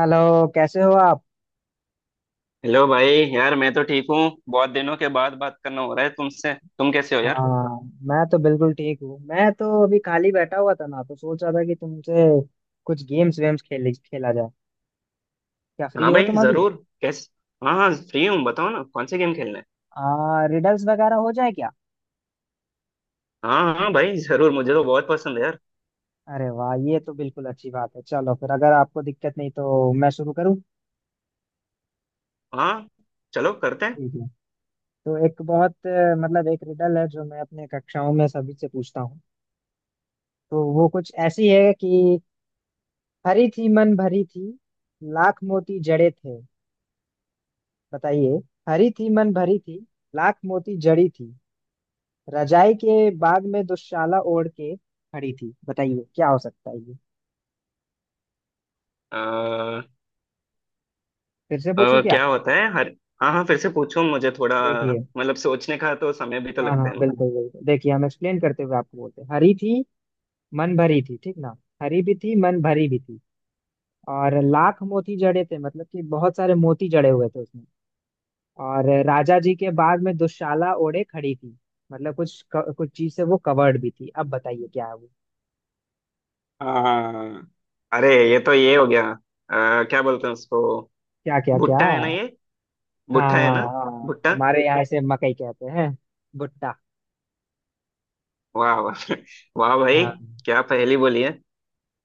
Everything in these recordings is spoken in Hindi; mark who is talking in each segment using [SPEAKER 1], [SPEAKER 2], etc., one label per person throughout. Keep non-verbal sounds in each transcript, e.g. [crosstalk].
[SPEAKER 1] हेलो। कैसे हो आप?
[SPEAKER 2] हेलो भाई। यार मैं तो ठीक हूँ। बहुत दिनों के बाद बात करना हो रहा है तुमसे, तुम कैसे हो यार।
[SPEAKER 1] हाँ, मैं तो बिल्कुल ठीक हूँ। मैं तो अभी खाली बैठा हुआ था ना, तो सोच रहा था कि तुमसे कुछ गेम्स वेम्स खेल खेला जाए। क्या फ्री
[SPEAKER 2] हाँ
[SPEAKER 1] हो
[SPEAKER 2] भाई
[SPEAKER 1] तुम अभी?
[SPEAKER 2] जरूर। कैसे? हाँ हाँ फ्री हूँ, बताओ ना कौन से गेम खेलना है।
[SPEAKER 1] रिडल्स वगैरह हो जाए क्या?
[SPEAKER 2] हाँ हाँ भाई जरूर, मुझे तो बहुत पसंद है यार।
[SPEAKER 1] अरे वाह, ये तो बिल्कुल अच्छी बात है। चलो फिर अगर आपको दिक्कत नहीं तो मैं शुरू करूँ।
[SPEAKER 2] हाँ, चलो करते हैं।
[SPEAKER 1] ठीक है। तो एक बहुत मतलब एक रिडल है जो मैं अपने कक्षाओं में सभी से पूछता हूँ। तो वो कुछ ऐसी है कि हरी थी मन भरी थी, लाख मोती जड़े थे। बताइए। हरी थी मन भरी थी, लाख मोती जड़ी थी, रजाई के बाग में दुशाला ओढ़ के खड़ी थी। बताइए क्या हो सकता है ये?
[SPEAKER 2] आ,
[SPEAKER 1] फिर से पूछूं क्या?
[SPEAKER 2] क्या होता है हर। हाँ हाँ, फिर से पूछो, मुझे थोड़ा
[SPEAKER 1] देखिए।
[SPEAKER 2] मतलब सोचने का तो समय भी तो
[SPEAKER 1] हाँ
[SPEAKER 2] लगता
[SPEAKER 1] हाँ
[SPEAKER 2] है ना।
[SPEAKER 1] बिल्कुल बिल्कुल, देखिए हम एक्सप्लेन करते हुए आपको बोलते हैं। हरी थी मन भरी थी, ठीक ना? हरी भी थी, मन भरी भी थी। और लाख मोती जड़े थे मतलब कि बहुत सारे मोती जड़े हुए थे उसमें। और राजा जी के बाग में दुशाला ओढ़े खड़ी थी मतलब कुछ कुछ चीज से वो कवर्ड भी थी। अब बताइए क्या है वो?
[SPEAKER 2] हाँ हाँ, हाँ। अरे ये तो ये हो गया। क्या बोलते हैं उसको।
[SPEAKER 1] क्या क्या क्या?
[SPEAKER 2] भुट्टा है ना ये।
[SPEAKER 1] हाँ।
[SPEAKER 2] भुट्टा है ना।
[SPEAKER 1] हाँ
[SPEAKER 2] भुट्टा।
[SPEAKER 1] हमारे यहाँ इसे मकई कहते हैं। भुट्टा।
[SPEAKER 2] वाह वाह। [laughs] वाह भाई,
[SPEAKER 1] हाँ।
[SPEAKER 2] क्या पहेली बोली है।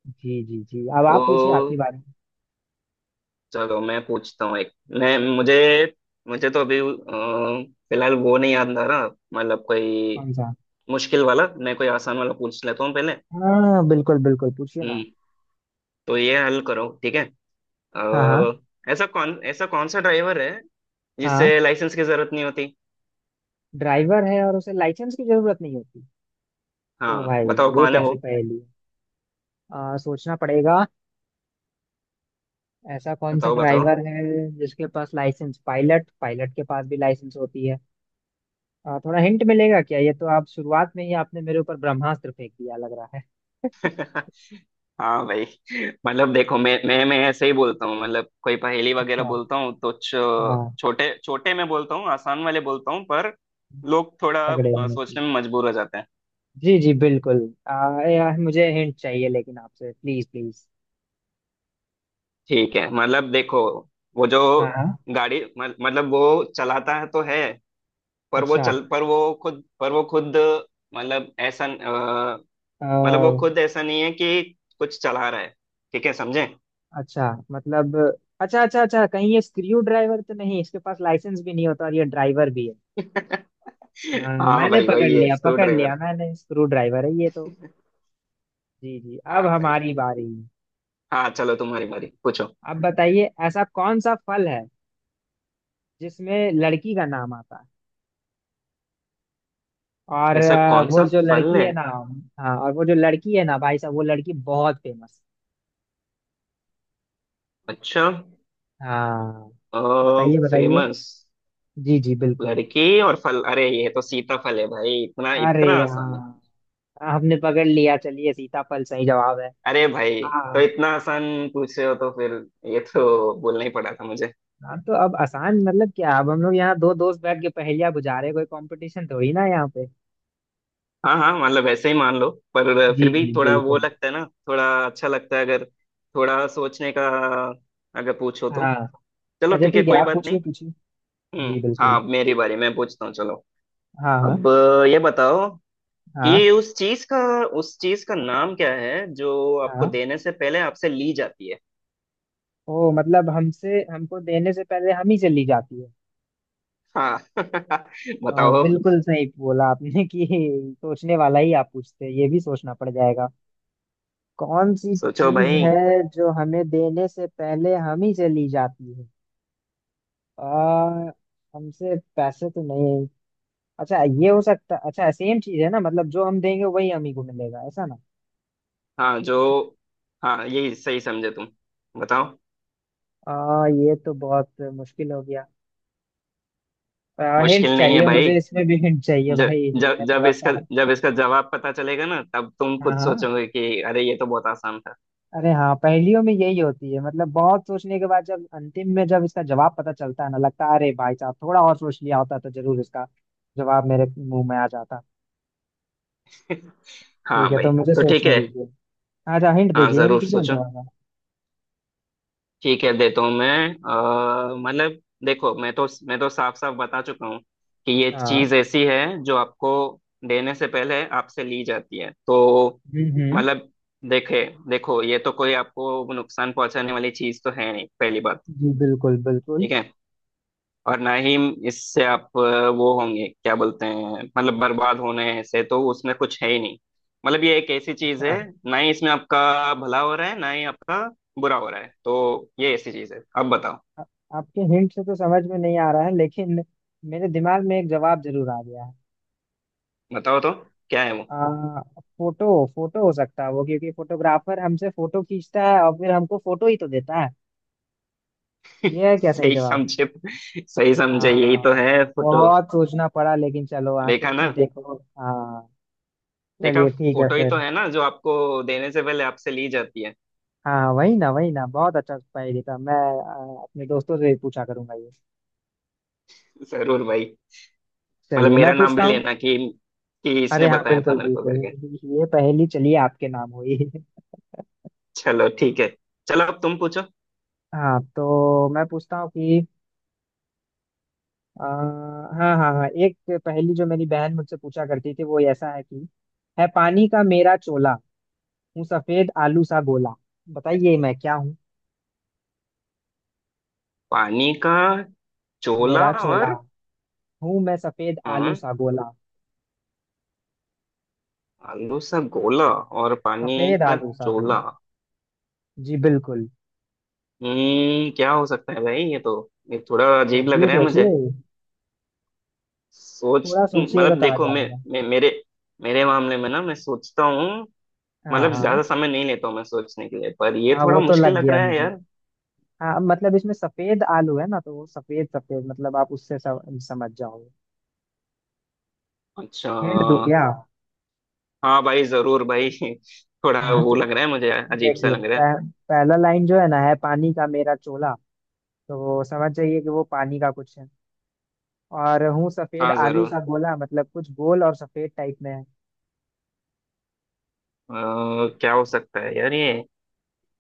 [SPEAKER 1] जी जी जी, अब आप पूछिए आपके
[SPEAKER 2] तो
[SPEAKER 1] बारे में।
[SPEAKER 2] चलो मैं पूछता हूँ एक। मैं मुझे मुझे तो अभी फिलहाल वो नहीं याद आ रहा। मतलब कोई
[SPEAKER 1] कौन सा?
[SPEAKER 2] मुश्किल वाला, मैं कोई आसान वाला पूछ लेता हूँ पहले।
[SPEAKER 1] हाँ बिल्कुल बिल्कुल, पूछिए ना।
[SPEAKER 2] हम्म। तो ये हल करो, ठीक है।
[SPEAKER 1] हाँ हाँ।
[SPEAKER 2] ऐसा कौन सा ड्राइवर है
[SPEAKER 1] हाँ।
[SPEAKER 2] जिससे लाइसेंस की जरूरत नहीं होती।
[SPEAKER 1] ड्राइवर है और उसे लाइसेंस की जरूरत नहीं होती। ओ
[SPEAKER 2] हाँ
[SPEAKER 1] भाई,
[SPEAKER 2] बताओ
[SPEAKER 1] ये
[SPEAKER 2] कौन है वो।
[SPEAKER 1] कैसी पहेली है? सोचना पड़ेगा। ऐसा कौन सा
[SPEAKER 2] बताओ बताओ।
[SPEAKER 1] ड्राइवर है जिसके पास लाइसेंस, पायलट पायलट के पास भी लाइसेंस होती है। थोड़ा हिंट मिलेगा क्या? ये तो आप शुरुआत में ही आपने मेरे ऊपर ब्रह्मास्त्र फेंक दिया लग रहा है। [laughs]
[SPEAKER 2] [laughs] हाँ भाई। [laughs] मतलब देखो, मैं ऐसे ही बोलता हूँ, मतलब कोई पहेली वगैरह
[SPEAKER 1] अच्छा।
[SPEAKER 2] बोलता हूँ तो
[SPEAKER 1] हाँ।
[SPEAKER 2] छोटे छोटे में बोलता हूँ, आसान वाले बोलता हूँ, पर लोग थोड़ा
[SPEAKER 1] तगड़े होने
[SPEAKER 2] सोचने
[SPEAKER 1] की।
[SPEAKER 2] में मजबूर हो जाते हैं।
[SPEAKER 1] जी जी बिल्कुल। यार मुझे हिंट चाहिए लेकिन आपसे, प्लीज प्लीज।
[SPEAKER 2] ठीक है मतलब देखो, वो जो
[SPEAKER 1] हाँ हाँ।
[SPEAKER 2] गाड़ी मतलब वो चलाता है तो है, पर वो
[SPEAKER 1] अच्छा।
[SPEAKER 2] चल पर वो खुद मतलब ऐसा
[SPEAKER 1] आ,
[SPEAKER 2] मतलब वो खुद ऐसा नहीं है कि कुछ चला रहा है। ठीक है समझे।
[SPEAKER 1] अच्छा मतलब। अच्छा अच्छा अच्छा, कहीं ये स्क्रू ड्राइवर तो नहीं? इसके पास लाइसेंस भी नहीं होता और ये ड्राइवर भी है।
[SPEAKER 2] [laughs]
[SPEAKER 1] हाँ,
[SPEAKER 2] हाँ
[SPEAKER 1] मैंने
[SPEAKER 2] भाई
[SPEAKER 1] पकड़
[SPEAKER 2] वही है,
[SPEAKER 1] लिया
[SPEAKER 2] स्क्रू
[SPEAKER 1] पकड़ लिया,
[SPEAKER 2] ड्राइवर।
[SPEAKER 1] मैंने, स्क्रू ड्राइवर है ये तो। जी जी, अब
[SPEAKER 2] हाँ भाई।
[SPEAKER 1] हमारी बारी।
[SPEAKER 2] हाँ चलो तुम्हारी बारी, पूछो।
[SPEAKER 1] अब बताइए ऐसा कौन सा फल है जिसमें लड़की का नाम आता है। और
[SPEAKER 2] ऐसा कौन
[SPEAKER 1] वो
[SPEAKER 2] सा
[SPEAKER 1] जो
[SPEAKER 2] फल
[SPEAKER 1] लड़की
[SPEAKER 2] है?
[SPEAKER 1] है ना, हाँ, और वो जो लड़की है ना भाई साहब, वो लड़की बहुत फेमस।
[SPEAKER 2] अच्छा।
[SPEAKER 1] हाँ बताइए बताइए।
[SPEAKER 2] फेमस।
[SPEAKER 1] जी जी बिल्कुल।
[SPEAKER 2] लड़की और फल, अरे ये तो सीताफल है भाई, इतना
[SPEAKER 1] अरे
[SPEAKER 2] इतना आसान है।
[SPEAKER 1] हाँ, हमने पकड़ लिया। चलिए सीताफल सही जवाब है।
[SPEAKER 2] अरे भाई, तो
[SPEAKER 1] हाँ।
[SPEAKER 2] इतना आसान पूछे हो तो फिर ये तो बोलना ही पड़ा था मुझे।
[SPEAKER 1] हाँ तो अब आसान मतलब क्या, अब हम लोग यहाँ दो दोस्त बैठ के पहेलियां बुझा रहे हैं, कोई कंपटीशन थोड़ी ना है यहाँ पे।
[SPEAKER 2] हाँ हाँ, मतलब ऐसे ही मान लो, पर
[SPEAKER 1] जी
[SPEAKER 2] फिर भी
[SPEAKER 1] जी
[SPEAKER 2] थोड़ा वो
[SPEAKER 1] बिल्कुल।
[SPEAKER 2] लगता है ना, थोड़ा अच्छा लगता है अगर थोड़ा सोचने का अगर पूछो तो।
[SPEAKER 1] हाँ।
[SPEAKER 2] चलो
[SPEAKER 1] अच्छा
[SPEAKER 2] ठीक है
[SPEAKER 1] ठीक है,
[SPEAKER 2] कोई
[SPEAKER 1] आप
[SPEAKER 2] बात नहीं।
[SPEAKER 1] पूछिए पूछिए।
[SPEAKER 2] हम्म।
[SPEAKER 1] जी
[SPEAKER 2] हाँ
[SPEAKER 1] बिल्कुल।
[SPEAKER 2] अब मेरी बारी, मैं पूछता हूँ चलो।
[SPEAKER 1] हाँ हाँ।
[SPEAKER 2] अब ये बताओ,
[SPEAKER 1] हाँ
[SPEAKER 2] ये उस चीज का नाम क्या है जो आपको
[SPEAKER 1] हाँ।
[SPEAKER 2] देने से पहले आपसे ली जाती है।
[SPEAKER 1] ओ मतलब, हमसे हमको देने से पहले हम ही चली जाती है।
[SPEAKER 2] हाँ। [laughs]
[SPEAKER 1] हाँ,
[SPEAKER 2] बताओ अब।
[SPEAKER 1] बिल्कुल सही बोला आपने कि सोचने वाला ही आप पूछते हैं। ये भी सोचना पड़ जाएगा। कौन सी
[SPEAKER 2] सोचो
[SPEAKER 1] चीज
[SPEAKER 2] भाई।
[SPEAKER 1] है जो हमें देने से पहले हम ही चली जाती है? आ, हमसे पैसे तो नहीं? अच्छा, ये हो सकता। अच्छा सेम चीज है ना मतलब जो हम देंगे वही हम ही को मिलेगा ऐसा ना।
[SPEAKER 2] हाँ जो हाँ, यही सही समझे तुम। बताओ।
[SPEAKER 1] ये तो बहुत मुश्किल हो गया। हिंट
[SPEAKER 2] मुश्किल नहीं है
[SPEAKER 1] चाहिए
[SPEAKER 2] भाई।
[SPEAKER 1] मुझे, इसमें भी हिंट चाहिए
[SPEAKER 2] जब
[SPEAKER 1] भाई।
[SPEAKER 2] जब
[SPEAKER 1] मैं थोड़ा सा।
[SPEAKER 2] जब इसका जवाब पता चलेगा ना, तब तुम
[SPEAKER 1] हाँ
[SPEAKER 2] खुद
[SPEAKER 1] हाँ।
[SPEAKER 2] सोचोगे कि अरे ये तो बहुत आसान था।
[SPEAKER 1] अरे हाँ, पहेलियों में यही होती है, मतलब बहुत सोचने के बाद जब अंतिम में जब इसका जवाब पता चलता है ना, लगता है अरे भाई साहब थोड़ा और सोच लिया होता तो जरूर इसका जवाब मेरे मुंह में आ जाता।
[SPEAKER 2] [laughs]
[SPEAKER 1] ठीक
[SPEAKER 2] हाँ
[SPEAKER 1] है
[SPEAKER 2] भाई।
[SPEAKER 1] तो मुझे
[SPEAKER 2] तो ठीक
[SPEAKER 1] सोचने
[SPEAKER 2] है।
[SPEAKER 1] दीजिए। अच्छा हिंट
[SPEAKER 2] हाँ
[SPEAKER 1] दीजिए, हिंट
[SPEAKER 2] जरूर
[SPEAKER 1] दीजिए ना
[SPEAKER 2] सोचो।
[SPEAKER 1] थोड़ा सा।
[SPEAKER 2] ठीक है, देता हूँ मैं। मतलब देखो, मैं तो साफ साफ बता चुका हूँ कि ये
[SPEAKER 1] हाँ।
[SPEAKER 2] चीज ऐसी है जो आपको देने से पहले आपसे ली जाती है तो
[SPEAKER 1] हम्म।
[SPEAKER 2] मतलब देखे देखो, ये तो कोई आपको नुकसान पहुंचाने वाली चीज तो है नहीं, पहली बात।
[SPEAKER 1] जी बिल्कुल बिल्कुल।
[SPEAKER 2] ठीक है। और ना ही इससे आप वो होंगे, क्या बोलते हैं मतलब बर्बाद होने से तो उसमें कुछ है ही नहीं। मतलब ये एक ऐसी चीज है
[SPEAKER 1] अच्छा।
[SPEAKER 2] ना ही इसमें आपका भला हो रहा है, ना ही आपका बुरा हो रहा है, तो ये ऐसी चीज है। अब बताओ।
[SPEAKER 1] आ, आपके हिंट से तो समझ में नहीं आ रहा है, लेकिन मेरे दिमाग में एक जवाब जरूर आ गया है।
[SPEAKER 2] बताओ तो, क्या है वो।
[SPEAKER 1] आ, फोटो, फोटो हो सकता है वो, क्योंकि फोटोग्राफर हमसे फोटो खींचता है और फिर हमको फोटो ही तो देता है। ये है
[SPEAKER 2] [laughs]
[SPEAKER 1] क्या सही
[SPEAKER 2] सही
[SPEAKER 1] जवाब?
[SPEAKER 2] समझे। सही समझे, यही तो
[SPEAKER 1] हाँ
[SPEAKER 2] है, फोटो।
[SPEAKER 1] बहुत सोचना पड़ा, लेकिन चलो,
[SPEAKER 2] देखा
[SPEAKER 1] आखिर
[SPEAKER 2] ना।
[SPEAKER 1] में देखो। हाँ
[SPEAKER 2] देखा।
[SPEAKER 1] चलिए ठीक है
[SPEAKER 2] फोटो ही तो
[SPEAKER 1] फिर।
[SPEAKER 2] है ना जो आपको देने से पहले आपसे ली जाती है।
[SPEAKER 1] हाँ वही ना वही ना, बहुत अच्छा स्पाई था। मैं अपने दोस्तों से ही पूछा करूंगा ये।
[SPEAKER 2] जरूर भाई, मतलब
[SPEAKER 1] चलिए मैं
[SPEAKER 2] मेरा नाम भी
[SPEAKER 1] पूछता हूँ।
[SPEAKER 2] लेना कि
[SPEAKER 1] अरे
[SPEAKER 2] इसने
[SPEAKER 1] हाँ
[SPEAKER 2] बताया था
[SPEAKER 1] बिल्कुल
[SPEAKER 2] मेरे को
[SPEAKER 1] बिल्कुल,
[SPEAKER 2] करके।
[SPEAKER 1] ये पहेली चलिए आपके नाम हुई।
[SPEAKER 2] चलो ठीक है। चलो अब तुम पूछो।
[SPEAKER 1] हाँ तो मैं पूछता हूँ कि हाँ हाँ हाँ, एक पहेली जो मेरी बहन मुझसे पूछा करती थी, वो ऐसा है कि, है पानी का मेरा चोला, हूँ सफेद आलू सा गोला। बताइए मैं क्या हूँ।
[SPEAKER 2] पानी का चोला।
[SPEAKER 1] मेरा चोला।
[SPEAKER 2] और,
[SPEAKER 1] हूँ मैं सफेद आलू
[SPEAKER 2] हाँ।
[SPEAKER 1] सा गोला।
[SPEAKER 2] आलू सा गोला। और पानी
[SPEAKER 1] सफेद
[SPEAKER 2] का
[SPEAKER 1] आलू सा गोला।
[SPEAKER 2] चोला।
[SPEAKER 1] जी बिल्कुल।
[SPEAKER 2] हम्म, क्या हो सकता है भाई ये तो। ये थोड़ा अजीब लग
[SPEAKER 1] सोचिए
[SPEAKER 2] रहा है मुझे।
[SPEAKER 1] सोचिए।
[SPEAKER 2] सोच
[SPEAKER 1] थोड़ा सोचिएगा
[SPEAKER 2] मतलब
[SPEAKER 1] तो आ
[SPEAKER 2] देखो, मैं,
[SPEAKER 1] जाएगा।
[SPEAKER 2] मैं मेरे मेरे मामले में ना मैं सोचता हूँ,
[SPEAKER 1] हाँ
[SPEAKER 2] मतलब
[SPEAKER 1] हाँ।
[SPEAKER 2] ज्यादा समय नहीं लेता हूँ मैं सोचने के लिए, पर ये
[SPEAKER 1] हाँ,
[SPEAKER 2] थोड़ा
[SPEAKER 1] वो तो
[SPEAKER 2] मुश्किल
[SPEAKER 1] लग
[SPEAKER 2] लग
[SPEAKER 1] गया
[SPEAKER 2] रहा है
[SPEAKER 1] मुझे।
[SPEAKER 2] यार।
[SPEAKER 1] हाँ मतलब इसमें सफेद आलू है ना, तो वो सफेद, सफेद मतलब आप उससे समझ जाओगे।
[SPEAKER 2] अच्छा।
[SPEAKER 1] हिंट दूं क्या?
[SPEAKER 2] हाँ भाई जरूर भाई। [laughs] थोड़ा
[SPEAKER 1] हाँ
[SPEAKER 2] वो
[SPEAKER 1] तो
[SPEAKER 2] लग रहा है मुझे, अजीब सा
[SPEAKER 1] देखिए,
[SPEAKER 2] लग रहा है।
[SPEAKER 1] पहला लाइन जो है ना, है पानी का मेरा चोला, तो वो समझ जाइए कि वो पानी का कुछ है। और हूँ सफेद
[SPEAKER 2] हाँ
[SPEAKER 1] आलू
[SPEAKER 2] जरूर।
[SPEAKER 1] सा गोला, मतलब कुछ गोल और सफेद टाइप में है।
[SPEAKER 2] अ, क्या हो सकता है यार ये।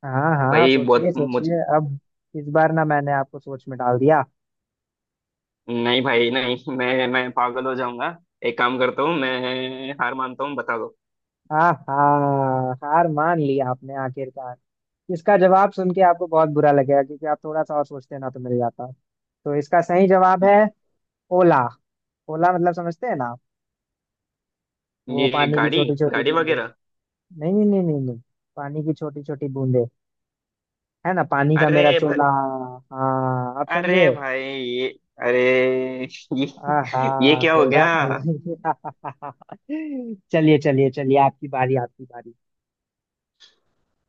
[SPEAKER 1] हाँ हाँ
[SPEAKER 2] भाई
[SPEAKER 1] सोचिए
[SPEAKER 2] बहुत मुझ
[SPEAKER 1] सोचिए अब। इस बार ना मैंने आपको सोच में डाल दिया।
[SPEAKER 2] नहीं भाई नहीं, मैं पागल हो जाऊंगा। एक काम करता हूँ, मैं हार मानता हूँ, बता दो।
[SPEAKER 1] आहा, हार मान ली आपने आखिरकार। इसका जवाब सुन के आपको बहुत बुरा लगेगा, क्योंकि आप थोड़ा सा और सोचते ना तो मिल जाता। तो इसका सही जवाब है ओला। ओला मतलब समझते हैं ना आप? वो
[SPEAKER 2] ये
[SPEAKER 1] पानी की
[SPEAKER 2] गाड़ी,
[SPEAKER 1] छोटी छोटी
[SPEAKER 2] गाड़ी
[SPEAKER 1] बूंदे।
[SPEAKER 2] वगैरह।
[SPEAKER 1] नहीं नहीं नहीं नहीं नहीं, पानी की छोटी छोटी बूंदे। है ना, पानी का मेरा
[SPEAKER 2] अरे भाई।
[SPEAKER 1] चोला। हाँ, आप समझे।
[SPEAKER 2] अरे भाई ये, अरे ये,
[SPEAKER 1] आहा,
[SPEAKER 2] ये क्या हो
[SPEAKER 1] कोई
[SPEAKER 2] गया।
[SPEAKER 1] बात नहीं। [laughs] चलिए चलिए चलिए, आपकी बारी आपकी बारी।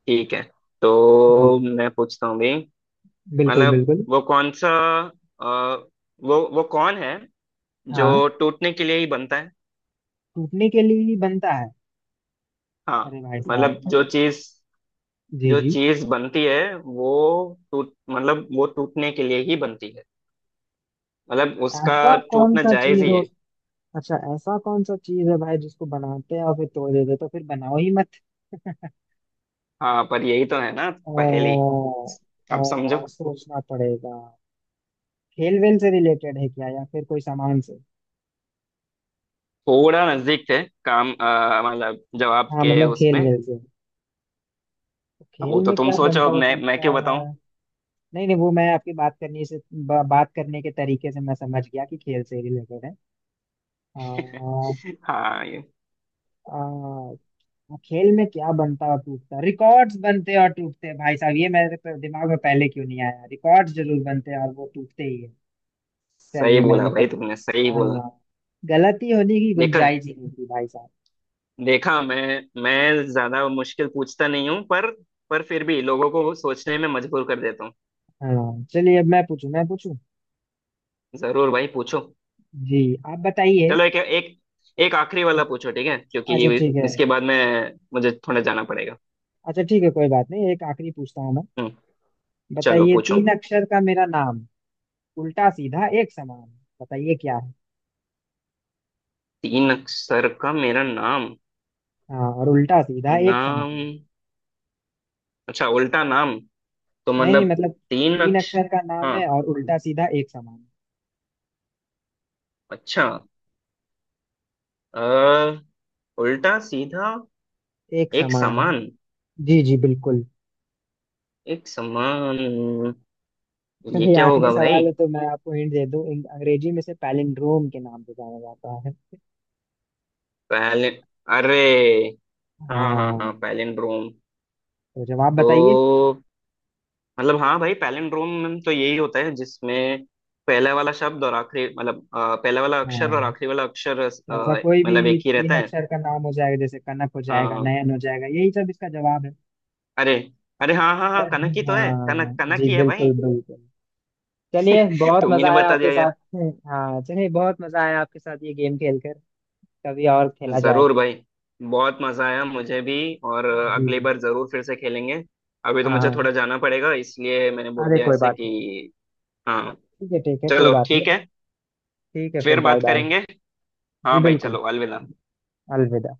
[SPEAKER 2] ठीक है
[SPEAKER 1] जी
[SPEAKER 2] तो मैं पूछता हूँ भी,
[SPEAKER 1] बिल्कुल
[SPEAKER 2] मतलब
[SPEAKER 1] बिल्कुल।
[SPEAKER 2] वो कौन सा अ, वो कौन है
[SPEAKER 1] हाँ।
[SPEAKER 2] जो टूटने के लिए ही बनता है।
[SPEAKER 1] टूटने के लिए ही बनता है।
[SPEAKER 2] हाँ
[SPEAKER 1] अरे भाई साहब
[SPEAKER 2] मतलब
[SPEAKER 1] मतलब। जी
[SPEAKER 2] जो
[SPEAKER 1] जी,
[SPEAKER 2] चीज बनती है वो टूट मतलब वो टूटने के लिए ही बनती है, मतलब उसका
[SPEAKER 1] ऐसा कौन
[SPEAKER 2] टूटना
[SPEAKER 1] सा
[SPEAKER 2] जायज
[SPEAKER 1] चीज
[SPEAKER 2] ही
[SPEAKER 1] हो।
[SPEAKER 2] है।
[SPEAKER 1] अच्छा ऐसा कौन सा चीज है भाई जिसको बनाते हैं और फिर तोड़ देते हैं? तो फिर बनाओ ही मत। [laughs]
[SPEAKER 2] हाँ पर यही तो है ना
[SPEAKER 1] ओ,
[SPEAKER 2] पहेली। अब समझो।
[SPEAKER 1] ओ, सोचना पड़ेगा। खेल वेल से रिलेटेड है क्या, या फिर कोई सामान से?
[SPEAKER 2] थोड़ा नजदीक थे काम मतलब जवाब
[SPEAKER 1] हाँ
[SPEAKER 2] के
[SPEAKER 1] मतलब खेल
[SPEAKER 2] उसमें।
[SPEAKER 1] वेल से। तो
[SPEAKER 2] वो
[SPEAKER 1] खेल
[SPEAKER 2] तो
[SPEAKER 1] में
[SPEAKER 2] तुम
[SPEAKER 1] क्या
[SPEAKER 2] सोचो,
[SPEAKER 1] बनता
[SPEAKER 2] अब
[SPEAKER 1] हो
[SPEAKER 2] मैं
[SPEAKER 1] सकता
[SPEAKER 2] क्यों बताऊं।
[SPEAKER 1] है? नहीं नहीं, वो मैं आपकी बात करने से बात करने के तरीके से मैं समझ गया कि खेल से रिलेटेड है। आ,
[SPEAKER 2] [laughs] हाँ ये।
[SPEAKER 1] आ, हाँ, खेल में क्या बनता और टूटता, रिकॉर्ड्स बनते और टूटते हैं भाई साहब। ये मेरे पे दिमाग में पहले क्यों नहीं आया, रिकॉर्ड्स जरूर बनते हैं और वो टूटते ही है।
[SPEAKER 2] सही
[SPEAKER 1] चलिए
[SPEAKER 2] बोला
[SPEAKER 1] मैंने
[SPEAKER 2] भाई,
[SPEAKER 1] पकड़
[SPEAKER 2] तुमने सही
[SPEAKER 1] लिया।
[SPEAKER 2] बोला।
[SPEAKER 1] हाँ, गलती होने की
[SPEAKER 2] देखा।
[SPEAKER 1] गुंजाइश ही नहीं थी भाई साहब।
[SPEAKER 2] देखा, मैं ज्यादा मुश्किल पूछता नहीं हूँ, पर फिर भी लोगों को सोचने में मजबूर कर देता हूँ।
[SPEAKER 1] हाँ चलिए अब मैं पूछूं मैं पूछूं।
[SPEAKER 2] जरूर भाई पूछो।
[SPEAKER 1] जी, आप बताइए।
[SPEAKER 2] चलो एक एक एक आखिरी वाला पूछो ठीक है
[SPEAKER 1] अच्छा
[SPEAKER 2] क्योंकि
[SPEAKER 1] ठीक है।
[SPEAKER 2] इसके बाद मैं मुझे थोड़ा जाना पड़ेगा।
[SPEAKER 1] अच्छा ठीक है, कोई बात नहीं, एक आखिरी पूछता हूँ मैं।
[SPEAKER 2] हम्म। चलो
[SPEAKER 1] बताइए
[SPEAKER 2] पूछो।
[SPEAKER 1] तीन अक्षर का मेरा नाम, उल्टा सीधा एक समान। बताइए क्या है?
[SPEAKER 2] तीन अक्षर का मेरा नाम।
[SPEAKER 1] हाँ, और उल्टा सीधा एक
[SPEAKER 2] नाम,
[SPEAKER 1] समान।
[SPEAKER 2] अच्छा उल्टा नाम, तो
[SPEAKER 1] नहीं नहीं
[SPEAKER 2] मतलब
[SPEAKER 1] मतलब,
[SPEAKER 2] तीन
[SPEAKER 1] तीन
[SPEAKER 2] अक्ष
[SPEAKER 1] अक्षर का नाम है
[SPEAKER 2] हाँ
[SPEAKER 1] और उल्टा सीधा एक समान।
[SPEAKER 2] अच्छा। अ, उल्टा सीधा
[SPEAKER 1] एक
[SPEAKER 2] एक
[SPEAKER 1] समान।
[SPEAKER 2] समान।
[SPEAKER 1] जी जी बिल्कुल।
[SPEAKER 2] एक समान। ये
[SPEAKER 1] चलिए
[SPEAKER 2] क्या
[SPEAKER 1] आखिरी
[SPEAKER 2] होगा भाई?
[SPEAKER 1] सवाल है तो मैं आपको हिंट दे दूं, अंग्रेजी में से पैलिंड्रोम के नाम से जाना जाता है।
[SPEAKER 2] पहले, अरे हाँ हाँ हाँ,
[SPEAKER 1] हाँ,
[SPEAKER 2] पैलिंड्रोम।
[SPEAKER 1] तो जवाब
[SPEAKER 2] तो
[SPEAKER 1] बताइए।
[SPEAKER 2] मतलब हाँ भाई, पैलिंड्रोम में तो यही होता है जिसमें पहला वाला शब्द और आखिरी मतलब पहला वाला अक्षर और
[SPEAKER 1] हाँ,
[SPEAKER 2] आखिरी वाला अक्षर
[SPEAKER 1] तो ऐसा कोई
[SPEAKER 2] मतलब
[SPEAKER 1] भी
[SPEAKER 2] एक ही
[SPEAKER 1] तीन
[SPEAKER 2] रहता है।
[SPEAKER 1] अक्षर का नाम हो जाएगा, जैसे कनक हो जाएगा,
[SPEAKER 2] हाँ।
[SPEAKER 1] नयन हो जाएगा, यही सब इसका जवाब है।
[SPEAKER 2] अरे, अरे हाँ हाँ हाँ कनक ही तो है,
[SPEAKER 1] हाँ
[SPEAKER 2] कनक कनक
[SPEAKER 1] जी
[SPEAKER 2] ही है
[SPEAKER 1] बिल्कुल
[SPEAKER 2] भाई।
[SPEAKER 1] बिल्कुल। चलिए,
[SPEAKER 2] [laughs]
[SPEAKER 1] बहुत
[SPEAKER 2] तुम ही ने
[SPEAKER 1] मजा आया
[SPEAKER 2] बता
[SPEAKER 1] आपके
[SPEAKER 2] दिया यार।
[SPEAKER 1] साथ। हाँ, चलिए बहुत मजा आया आपके साथ ये गेम खेलकर। कभी और खेला
[SPEAKER 2] जरूर
[SPEAKER 1] जाएगा।
[SPEAKER 2] भाई, बहुत मजा आया मुझे भी। और अगली
[SPEAKER 1] जी।
[SPEAKER 2] बार जरूर फिर से खेलेंगे। अभी तो
[SPEAKER 1] हाँ
[SPEAKER 2] मुझे
[SPEAKER 1] हाँ।
[SPEAKER 2] थोड़ा जाना पड़ेगा, इसलिए मैंने बोल
[SPEAKER 1] अरे
[SPEAKER 2] दिया
[SPEAKER 1] कोई
[SPEAKER 2] ऐसे
[SPEAKER 1] बात नहीं।
[SPEAKER 2] कि। हाँ
[SPEAKER 1] ठीक है ठीक है, कोई
[SPEAKER 2] चलो
[SPEAKER 1] बात नहीं।
[SPEAKER 2] ठीक है,
[SPEAKER 1] ठीक है, फिर
[SPEAKER 2] फिर
[SPEAKER 1] बाय
[SPEAKER 2] बात
[SPEAKER 1] बाय।
[SPEAKER 2] करेंगे।
[SPEAKER 1] जी
[SPEAKER 2] हाँ भाई
[SPEAKER 1] बिल्कुल।
[SPEAKER 2] चलो, अलविदा।
[SPEAKER 1] अलविदा।